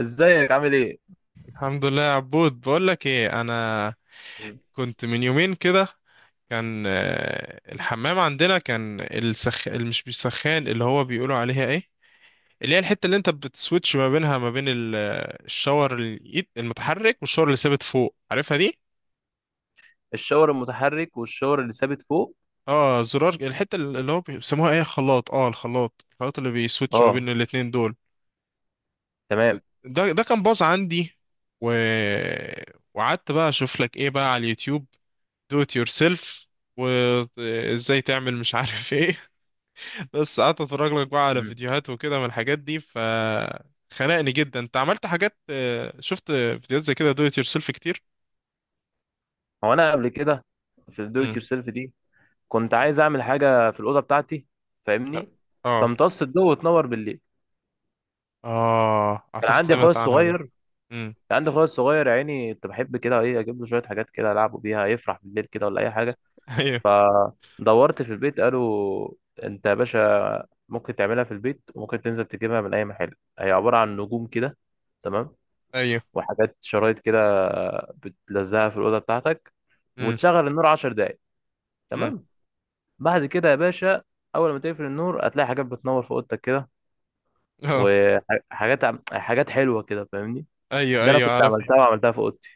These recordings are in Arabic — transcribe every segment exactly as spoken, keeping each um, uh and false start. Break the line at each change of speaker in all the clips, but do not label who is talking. ازيك، عامل ايه؟
الحمد لله يا عبود، بقول لك ايه، انا
مم.
كنت من يومين كده. كان آه، الحمام عندنا كان السخ اللي مش بيسخان، اللي هو بيقولوا عليها ايه، اللي هي الحته اللي انت بتسويتش ما بينها ما بين ال- الشاور اليد المتحرك والشاور اللي ثابت فوق، عارفها دي؟
الشاور المتحرك والشاور اللي ثابت فوق.
اه، زرار الحته اللي هو بيسموها ايه، خلاط. اه الخلاط الخلاط اللي بيسويتش ما
اه،
بين الاتنين دول.
تمام.
ده ده كان باظ عندي و... وقعدت بقى اشوف لك ايه بقى على اليوتيوب، دو ات يور سيلف، وازاي تعمل مش عارف ايه. بس قعدت اتفرج لك بقى على
مم.
فيديوهات وكده من الحاجات دي ف خنقني جدا. انت عملت حاجات، آه، شفت فيديوهات زي كده دو ات يور سيلف كتير.
هو انا قبل كده، في الدو ات
امم.
يور سيلف دي، كنت عايز اعمل حاجه في الاوضه بتاعتي، فاهمني،
اه.
تمتص الضوء وتنور بالليل.
اه،
كان
اعتقد
عندي اخويا
سمعت عنها دي.
الصغير كان
امم.
عندي اخويا الصغير يا عيني، كنت بحب كده ايه اجيب له شويه حاجات كده العبه بيها يفرح بالليل كده، ولا اي حاجه.
ايوه.
فدورت في البيت، قالوا انت يا باشا ممكن تعملها في البيت، وممكن تنزل تجيبها من اي محل، هي عباره عن نجوم كده. تمام.
ايوه.
وحاجات شرايط كده بتلزقها في الأوضة بتاعتك،
امم.
وتشغل النور عشر دقايق.
امم.
تمام. بعد كده يا باشا، أول ما تقفل النور هتلاقي حاجات بتنور في أوضتك كده،
اه.
وحاجات عم- حاجات حلوة كده، فاهمني.
ايوه،
ده أنا
ايوه،
كنت
عارف.
عملتها وعملتها في أوضتي.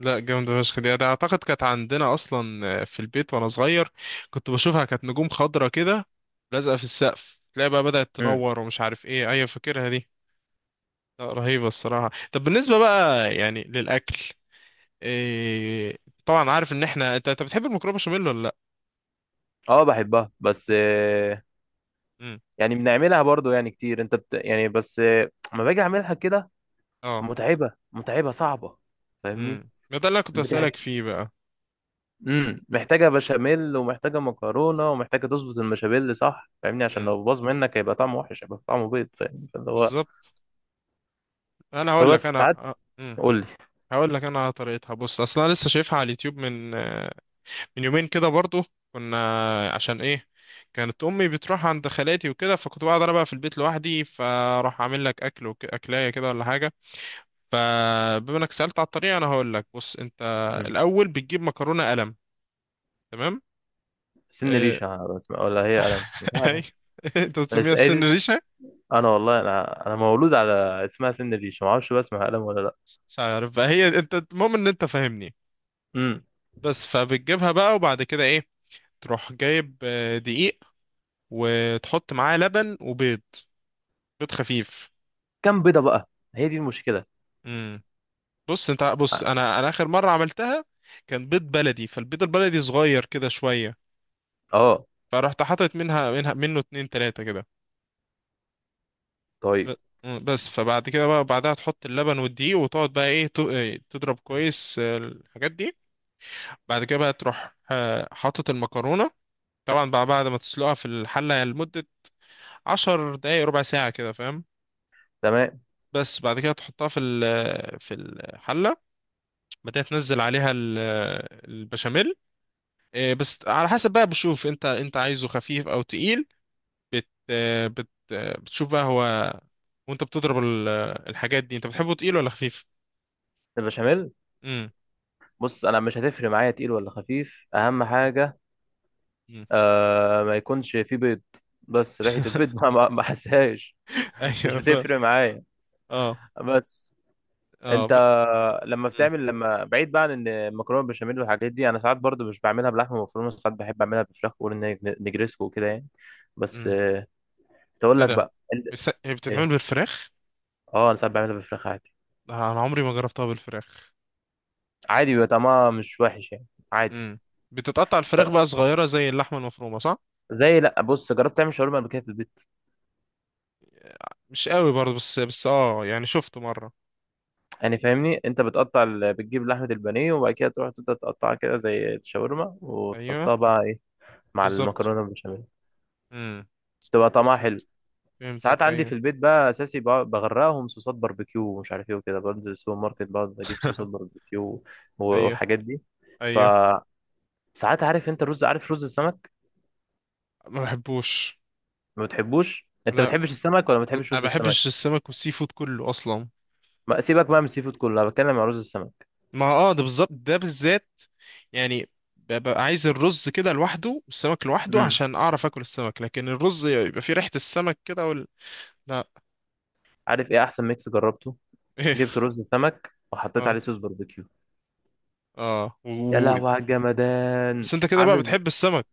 لا، جامدة فشخ دي. ده أعتقد كانت عندنا أصلا، آه، في البيت وأنا صغير، كنت بشوفها، كانت نجوم خضرة كده لازقة في السقف، تلاقي بقى بدأت
امم.
تنور ومش عارف إيه. أيوة، فاكرها دي. لا، رهيبة الصراحة. طب بالنسبة بقى يعني للأكل، إيه، طبعا عارف إن إحنا أنت أنت بتحب المكرونة بشاميل ولا لأ؟
أه، بحبها بس آه،
امم.
يعني بنعملها برضو يعني كتير. أنت بت... يعني بس آه، لما باجي أعملها كده
اه.
متعبة متعبة صعبة، فاهمني.
امم، ده اللي انا كنت اسالك
بتح...
فيه بقى.
امم محتاجه بشاميل، ومحتاجه مكرونه، ومحتاجه تظبط المشابيل، صح؟ فاهمني، عشان
امم.
لو باظ منك هيبقى طعمه وحش، هيبقى طعمه بيض، فاهم؟ فاللي هو
بالظبط. انا هقول لك،
فبس
انا.
ساعات.
امم.
قول لي.
هقول لك انا على طريقتها. بص، اصلا انا لسه شايفها على اليوتيوب من آه، من يومين كده برضو. كنا، عشان ايه، كانت امي بتروح عند خالاتي وكده، فكنت بقعد انا بقى في البيت لوحدي، فراح اعمل لك اكل وك... اكلايه كده ولا حاجه. فبما انك سالت على الطريقه، انا هقول لك. بص انت،
مم.
الاول بتجيب مكرونه قلم. تمام.
سن
اه...
ريشه، بس ولا هي قلم؟ مش
أيوة.
عارف.
انت بتسميها
بس هي دي
السن
اسم-
ريشه؟
انا والله، انا انا مولود على اسمها سن ريشه، ما اعرفش بقى اسمها قلم ولا لا.
مش عارف بقى هي. انت المهم ان انت فاهمني.
امم.
بس فبتجيبها بقى، وبعد كده ايه، تروح جايب آه، دقيق، وتحط معاه لبن وبيض، بيض خفيف.
كام بيضه بقى؟ هي دي المشكله.
بص انت، بص انا انا اخر مره عملتها، كان بيض بلدي، فالبيض البلدي صغير كده شويه،
اه.
فرحت حاطط منها منها منه اتنين تلاته كده.
طيب.
ب- مم، بس فبعد كده بقى، بعدها تحط اللبن والدقيق وتقعد بقى ايه، ت- اه، تضرب كويس اه، الحاجات دي. بعد كده بقى تروح اه، حاطط المكرونه، طبعا بقى بعد ما تسلقها في الحله لمده عشر دقايق ربع ساعه كده، فاهم؟
تمام.
بس بعد كده تحطها في ال- في الحله بعد كده تنزل عليها ال- البشاميل. إيه، بس على حسب بقى، بشوف انت انت عايزه خفيف او تقيل، بت آه، بت آه، بتشوف بقى هو. وانت بتضرب ال- آه، الحاجات دي، انت بتحبه تقيل ولا خفيف؟
البشاميل.
امم.
بص، انا مش هتفرق معايا تقيل ولا خفيف، اهم حاجه
امم.
آه ما يكونش فيه بيض، بس ريحة البيض ما ما ما حسهاش، مش
ايوه ف...
بتفرق معايا.
اه.
بس
اه
انت
ب...
لما
امم.
بتعمل لما بعيد بقى عن ان المكرونه بالبشاميل والحاجات دي، انا ساعات برضو مش بعملها بلحمه مفرومه، ساعات بحب اعملها بفراخ، بقول ان هي نجريسكو وكده يعني. بس
امم.
آه، تقول
ايه
لك
ده؟
بقى انت-
بس، هي بتتعمل
ايه؟
بالفراخ؟
اه، انا ساعات بعملها بفراخ عادي.
لا، انا عمري ما جربتها بالفراخ.
عادي، بيبقى طعمها مش وحش يعني. عادي.
امم. بتتقطع
س-
الفراخ بقى صغيرة زي اللحمة المفرومة، صح؟
زي، لا بص، جربت تعمل شاورما قبل كده في البيت؟
مش قوي برضه، بس بس اه يعني شفت مرة.
يعني فاهمني، انت بتقطع ال... بتجيب لحمه البانيه، وبعد كده تروح تبدا تقطعها كده زي الشاورما،
ايوه.
وتحطها بقى مع
بالظبط.
المكرونه البشاميل،
امم.
تبقى طعمها
فهمت.
حلو. ساعات
فهمتك،
عندي في
ايوه.
البيت بقى اساسي ب- بغرقهم صوصات باربيكيو ومش عارف ايه وكده، بنزل السوبر ماركت بقعد اجيب صوصات باربيكيو
ايوه.
والحاجات دي.
ايوه.
فساعات عارف انت الرز؟ عارف رز السمك؟
ما بحبوش.
ما بتحبوش انت، ما
لا،
بتحبش السمك ولا ما بتحبش
ما
رز السمك؟
بحبش السمك والسي فود كله اصلا.
ما سيبك بقى من السي فود كله، انا بتكلم عن رز السمك.
ما، اه ده بالظبط، ده بالذات، يعني، ببقى عايز الرز كده لوحده والسمك لوحده،
امم.
عشان اعرف اكل السمك، لكن الرز يبقى فيه ريحة السمك كده وال... لا.
عارف ايه احسن ميكس جربته؟
ايه؟
جبت رز سمك وحطيت
اه.
عليه صوص باربيكيو.
اه و...
يا
و-
لهوي على الجمدان.
بس انت كده بقى
عامل.
بتحب السمك؟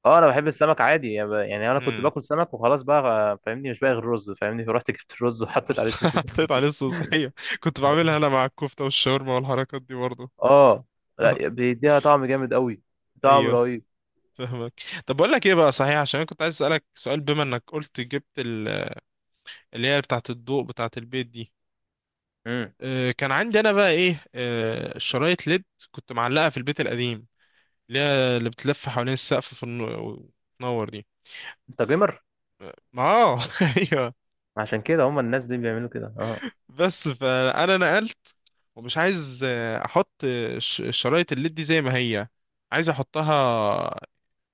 اه، انا بحب السمك عادي يعني ب- يعني انا كنت
امم.
باكل سمك وخلاص بقى آه، فاهمني، مش باقي غير رز، فاهمني، فرحت جبت الرز وحطيت
رحت
عليه صوص
حطيت
البنجر.
عليه الصوص، ايوه. كنت بعملها انا مع الكفتة والشاورما والحركات دي برضه.
اه. لا، بيديها طعم جامد قوي، طعم
ايوه.
رهيب.
فاهمك. طب بقول لك ايه بقى، صحيح، عشان انا كنت عايز اسالك سؤال، بما انك قلت جبت اللي هي بتاعة الضوء بتاعة البيت دي.
امم
آه، كان عندي انا بقى ايه، آه، الشرايط ليد، كنت معلقة في البيت القديم، اللي هي اللي بتلف حوالين السقف في النو- وتنور دي.
انت جيمر،
ما اه، ايوه.
عشان كده هم الناس دي بيعملوا كده، اه.
بس فانا نقلت، ومش عايز آه، احط آه، ش- الشرايط الليد دي زي ما هي. عايز احطها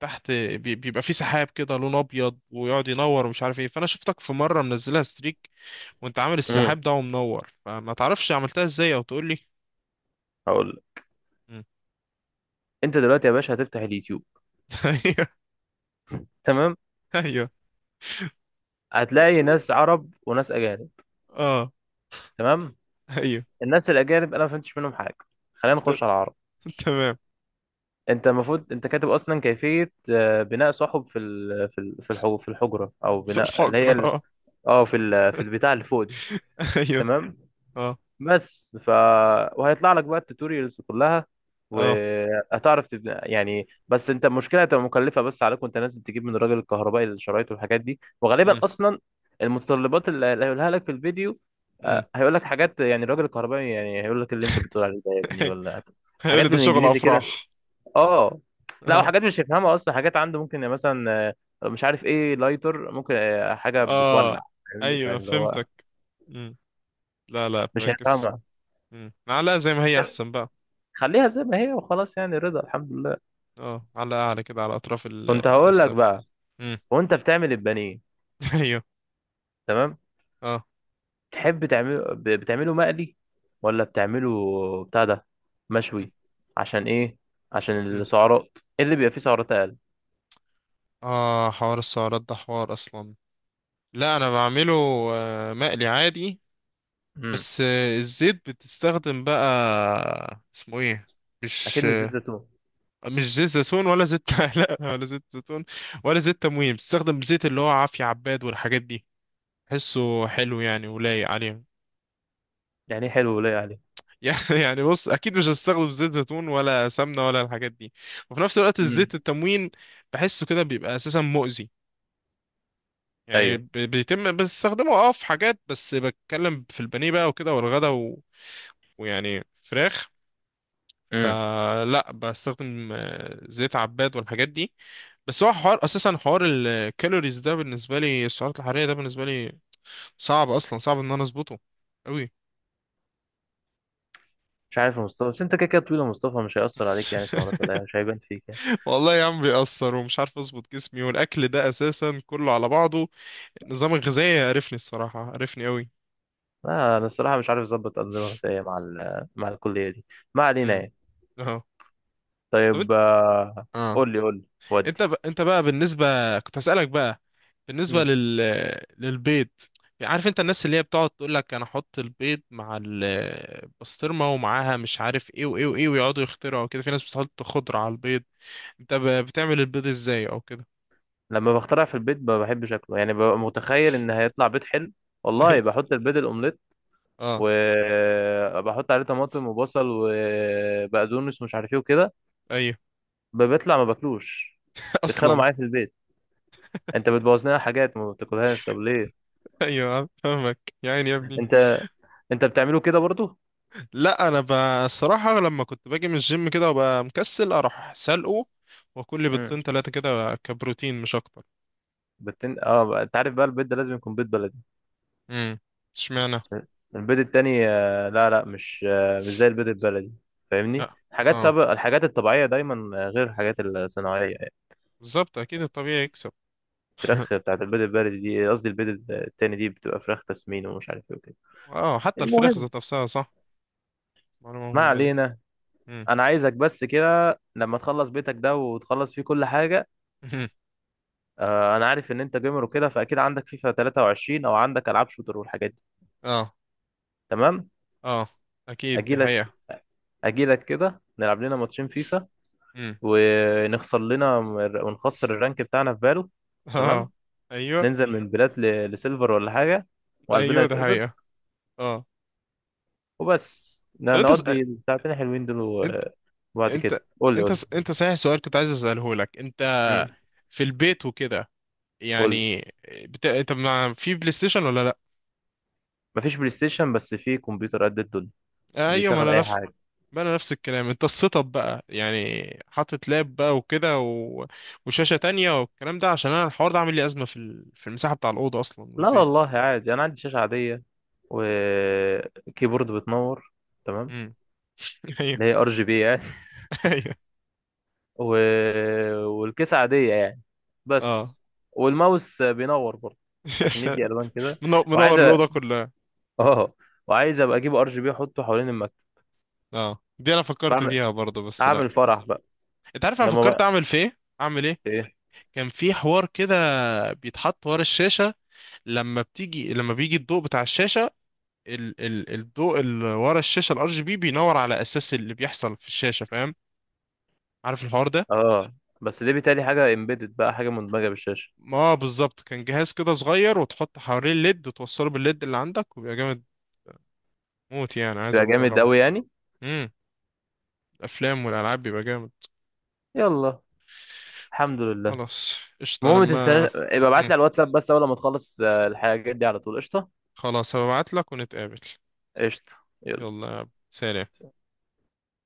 تحت. بي- بيبقى في سحاب كده لون ابيض ويقعد ينور ومش عارف ايه. فانا شفتك في مره منزلها ستريك، وانت عامل
امم.
السحاب ده ومنور، فما تعرفش عملتها ازاي؟ او تقول لي.
هقول لك.
مم.
انت دلوقتي يا باشا هتفتح اليوتيوب. تمام.
ايوه.
هتلاقي ناس عرب وناس اجانب.
اه.
تمام.
ايوه.
الناس الاجانب انا ما فهمتش منهم حاجه، خلينا
ت-
نخش على العرب.
تمام.
انت المفروض انت كاتب اصلا كيفيه آه، بناء صحب في ال... في ال- في الحو- في الحجره، او بناء اللي
الفقر،
هي
اه.
اه في ال- في البتاع اللي فوق دي.
ايوه.
تمام.
اه.
بس ف وهيطلع لك بقى التوتوريالز كلها،
اه.
وهتعرف تبني يعني. بس انت المشكله هتبقى مكلفه بس عليك، وانت نازل تجيب من الراجل الكهربائي الشرايط والحاجات دي، وغالبا
امم.
اصلا المتطلبات اللي اللي هيقولها لك في الفيديو
امم.
آه، هيقول لك حاجات يعني، الراجل الكهربائي يعني هيقول لك اللي انت بتقول عليه ده يا ابني، ولا
هيقول
حاجات
لي ده شغل
بالانجليزي كده،
افراح.
اه. لا،
اه.
وحاجات مش هيفهمها اصلا، حاجات عنده ممكن، يعني مثلا آه، مش عارف ايه، لايتر ممكن آه، حاجه
اه.
بتولع، فاهمني،
ايوه،
فاللي هو
فهمتك. امم. لا، لا،
مش
فاكس.
هيفهمها.
امم، معلقه زي ما هي احسن بقى.
خليها زي ما هي وخلاص يعني، رضا الحمد لله.
اه، معلقه اعلى كده على اطراف ال-
كنت هقول لك
السقف.
بقى،
امم.
وانت بتعمل البانيه،
ايوه.
تمام،
اه.
تحب تعمله ب- بتعمله مقلي ولا بتعمله بتاع ده
مم.
مشوي؟ عشان ايه؟ عشان
مم.
السعرات إيه اللي بيبقى فيه سعرات اقل.
اه، حوار السعرات ده حوار اصلا. لا انا بعمله آه، مقلي عادي.
امم.
بس آه، الزيت بتستخدم بقى اسمه ايه،
اكيد
مش
مش زيت
آه،
زيتون.
مش زيت زيتون ولا زيت، لا، ولا زيت زيتون، ولا زيت تموين. بتستخدم زيت اللي هو عافية عباد والحاجات دي، حسه حلو يعني ولايق عليهم.
يعني إيه حلو ولايق عليه؟
يعني يعني بص، اكيد مش هستخدم زيت زيتون ولا سمنة ولا الحاجات دي، وفي نفس الوقت
امم.
الزيت التموين بحسه كده بيبقى اساسا مؤذي، يعني
ايوه.
ب- بيتم بستخدمه اه في حاجات، بس بتكلم في البانيه بقى وكده والغدا و... ويعني فراخ.
امم.
فلا بستخدم آه، زيت عباد والحاجات دي. بس هو حوار اساسا، حوار الكالوريز ده بالنسبه لي، السعرات الحراريه ده بالنسبه لي، صعب اصلا، صعب ان انا اظبطه قوي.
مش عارف يا مصطفى، بس انت كده كده طويل يا مصطفى، مش هيأثر عليك يعني سعرات ولا إيه، مش هيبان فيك يعني.
والله يا عم، بيأثر ومش عارف اظبط جسمي والاكل ده اساسا كله على بعضه. النظام الغذائي عرفني الصراحه، عرفني قوي.
لا انا الصراحه مش عارف اظبط انظمه غذائيه مع ال- مع الكليه دي، ما علينا
امم.
يعني.
اه. طب انت،
طيب آه،
اه،
قول لي قول لي. ودي.
انت ب... انت بقى بالنسبه كنت هسألك بقى، بالنسبة
مم.
لل... للبيض. عارف انت الناس اللي هي بتقعد تقول لك انا احط البيض مع البسطرمة ومعاها مش عارف ايه وايه وايه، ويقعدوا يخترعوا وكده، في ناس بتحط خضرة على البيض. انت ب... بتعمل البيض ازاي او كده؟
لما بخترع في البيت ما بحبش شكله، يعني ببقى متخيل ان هيطلع بيت حلو، والله. بحط البيض الاومليت
اه.
وبحط عليه طماطم وبصل وبقدونس ومش عارف ايه وكده،
ايوه.
ب- بيطلع ما باكلوش، بيتخانقوا
اصلا.
معايا في البيت، انت بتبوظ لنا حاجات ما بتاكلهاش، طب ليه؟
ايوه، آه، فاهمك يا عيني يا ابني.
انت انت بتعمله كده برضه؟
لا انا ب... الصراحة، لما كنت باجي من الجيم كده وابقى مكسل اروح سلقه، واكل لي
مم.
بيضتين تلاتة كده كبروتين مش اكتر.
بتن... اه بقى- انت عارف بقى البيض ده لازم يكون بيض بلدي.
امم. اشمعنى؟
البيض التاني آه، لا لا، مش آه، مش زي البيض البلدي،
لا.
فاهمني. حاجات،
اه.
طب الحاجات الطبيعية دايما آه، غير الحاجات الصناعية يعني.
بالظبط، اكيد الطبيعي يكسب.
الفراخ بتاعت البيض البلدي دي، قصدي البيض التاني دي بتبقى فراخ تسمين ومش عارف ايه وكده.
اه، حتى الفراخ
المهم،
ذات نفسها، صح؟ معلومة
ما
مهمة دي.
علينا.
مم.
انا عايزك بس كده لما تخلص بيتك ده وتخلص فيه كل حاجة،
مهم.
آه، انا عارف ان انت جيمر وكده، فاكيد عندك فيفا تلاتة وعشرين او عندك العاب شوتر والحاجات دي.
اه.
تمام.
اه، اكيد دي
اجيلك
حقيقة.
اجيلك كده نلعب لنا ماتشين فيفا،
مم.
ونخسر لنا ونخسر الرانك بتاعنا في فالو.
اه.
تمام.
ايوه.
ننزل من بلات ل- لسيلفر ولا حاجة، وقلبنا
ايوه، دي
يتقبض،
حقيقة. اه.
وبس
طب
ن-
انت س...
نقضي الساعتين الحلوين دول
انت
و- وبعد
انت
كده قول لي قول
انت س...
لي.
انت صحيح سؤال كنت عايز اساله لك. انت
مم.
في البيت وكده،
قول لي.
يعني، بت... انت مع في بلاي ستيشن ولا لا؟
مفيش بلاي ستيشن، بس في كمبيوتر قد الدنيا
آه
اللي
ايوه، ما
يشغل
انا
أي
نفس.
حاجة.
ما انا نفس الكلام. انت السيت اب بقى يعني حاطط لاب بقى وكده و... وشاشة تانية والكلام ده، عشان انا الحوار ده عامل لي ازمة في ال... في المساحة بتاع الأوضة اصلا
لا
والبيت.
والله عادي، أنا عندي شاشة عادية وكيبورد بتنور، تمام،
امم.
اللي هي ار جي بي يعني،
ايوه.
و... والكيسة عادية يعني،
اه.
بس والماوس بينور برضه
يا
عشان
سلام.
يدي الوان كده.
منو-
وعايز
منور الاوضه
أ-
كلها.
اه وعايز ابقى اجيب ار جي بي احطه حوالين المكتب،
اه، دي انا فكرت
بعمل
فيها برضه، بس لا
اعمل
فكست.
فرح بقى
انت عارف انا
لما
فكرت
بقى
اعمل في ايه، اعمل ايه؟
ايه.
كان في حوار كده بيتحط ورا الشاشه، لما بتيجي لما بيجي الضوء بتاع الشاشه، ال... ال... الضوء اللي ورا الشاشه الار جي بي بينور على اساس اللي بيحصل في الشاشه، فاهم؟ عارف الحوار ده؟
اه، بس دي بيتهيألي حاجة امبيدد بقى، حاجة مدمجة بالشاشة.
ما هو بالظبط، كان جهاز كده صغير وتحط حواليه الليد وتوصله بالليد اللي عندك وبيبقى جامد موت، يعني عايز
يبقى
ابقى
جامد
اجربه.
قوي يعني.
امم. الافلام والالعاب بيبقى جامد.
يلا الحمد لله.
خلاص قشطة،
المهم ما
لما.
تنساش، يبقى ابعت
مم.
لي على الواتساب بس اول ما تخلص آه، الحاجات دي على طول، قشطة.
خلاص، هبعت لك ونتقابل.
قشطة. يلا.
يلا سلام.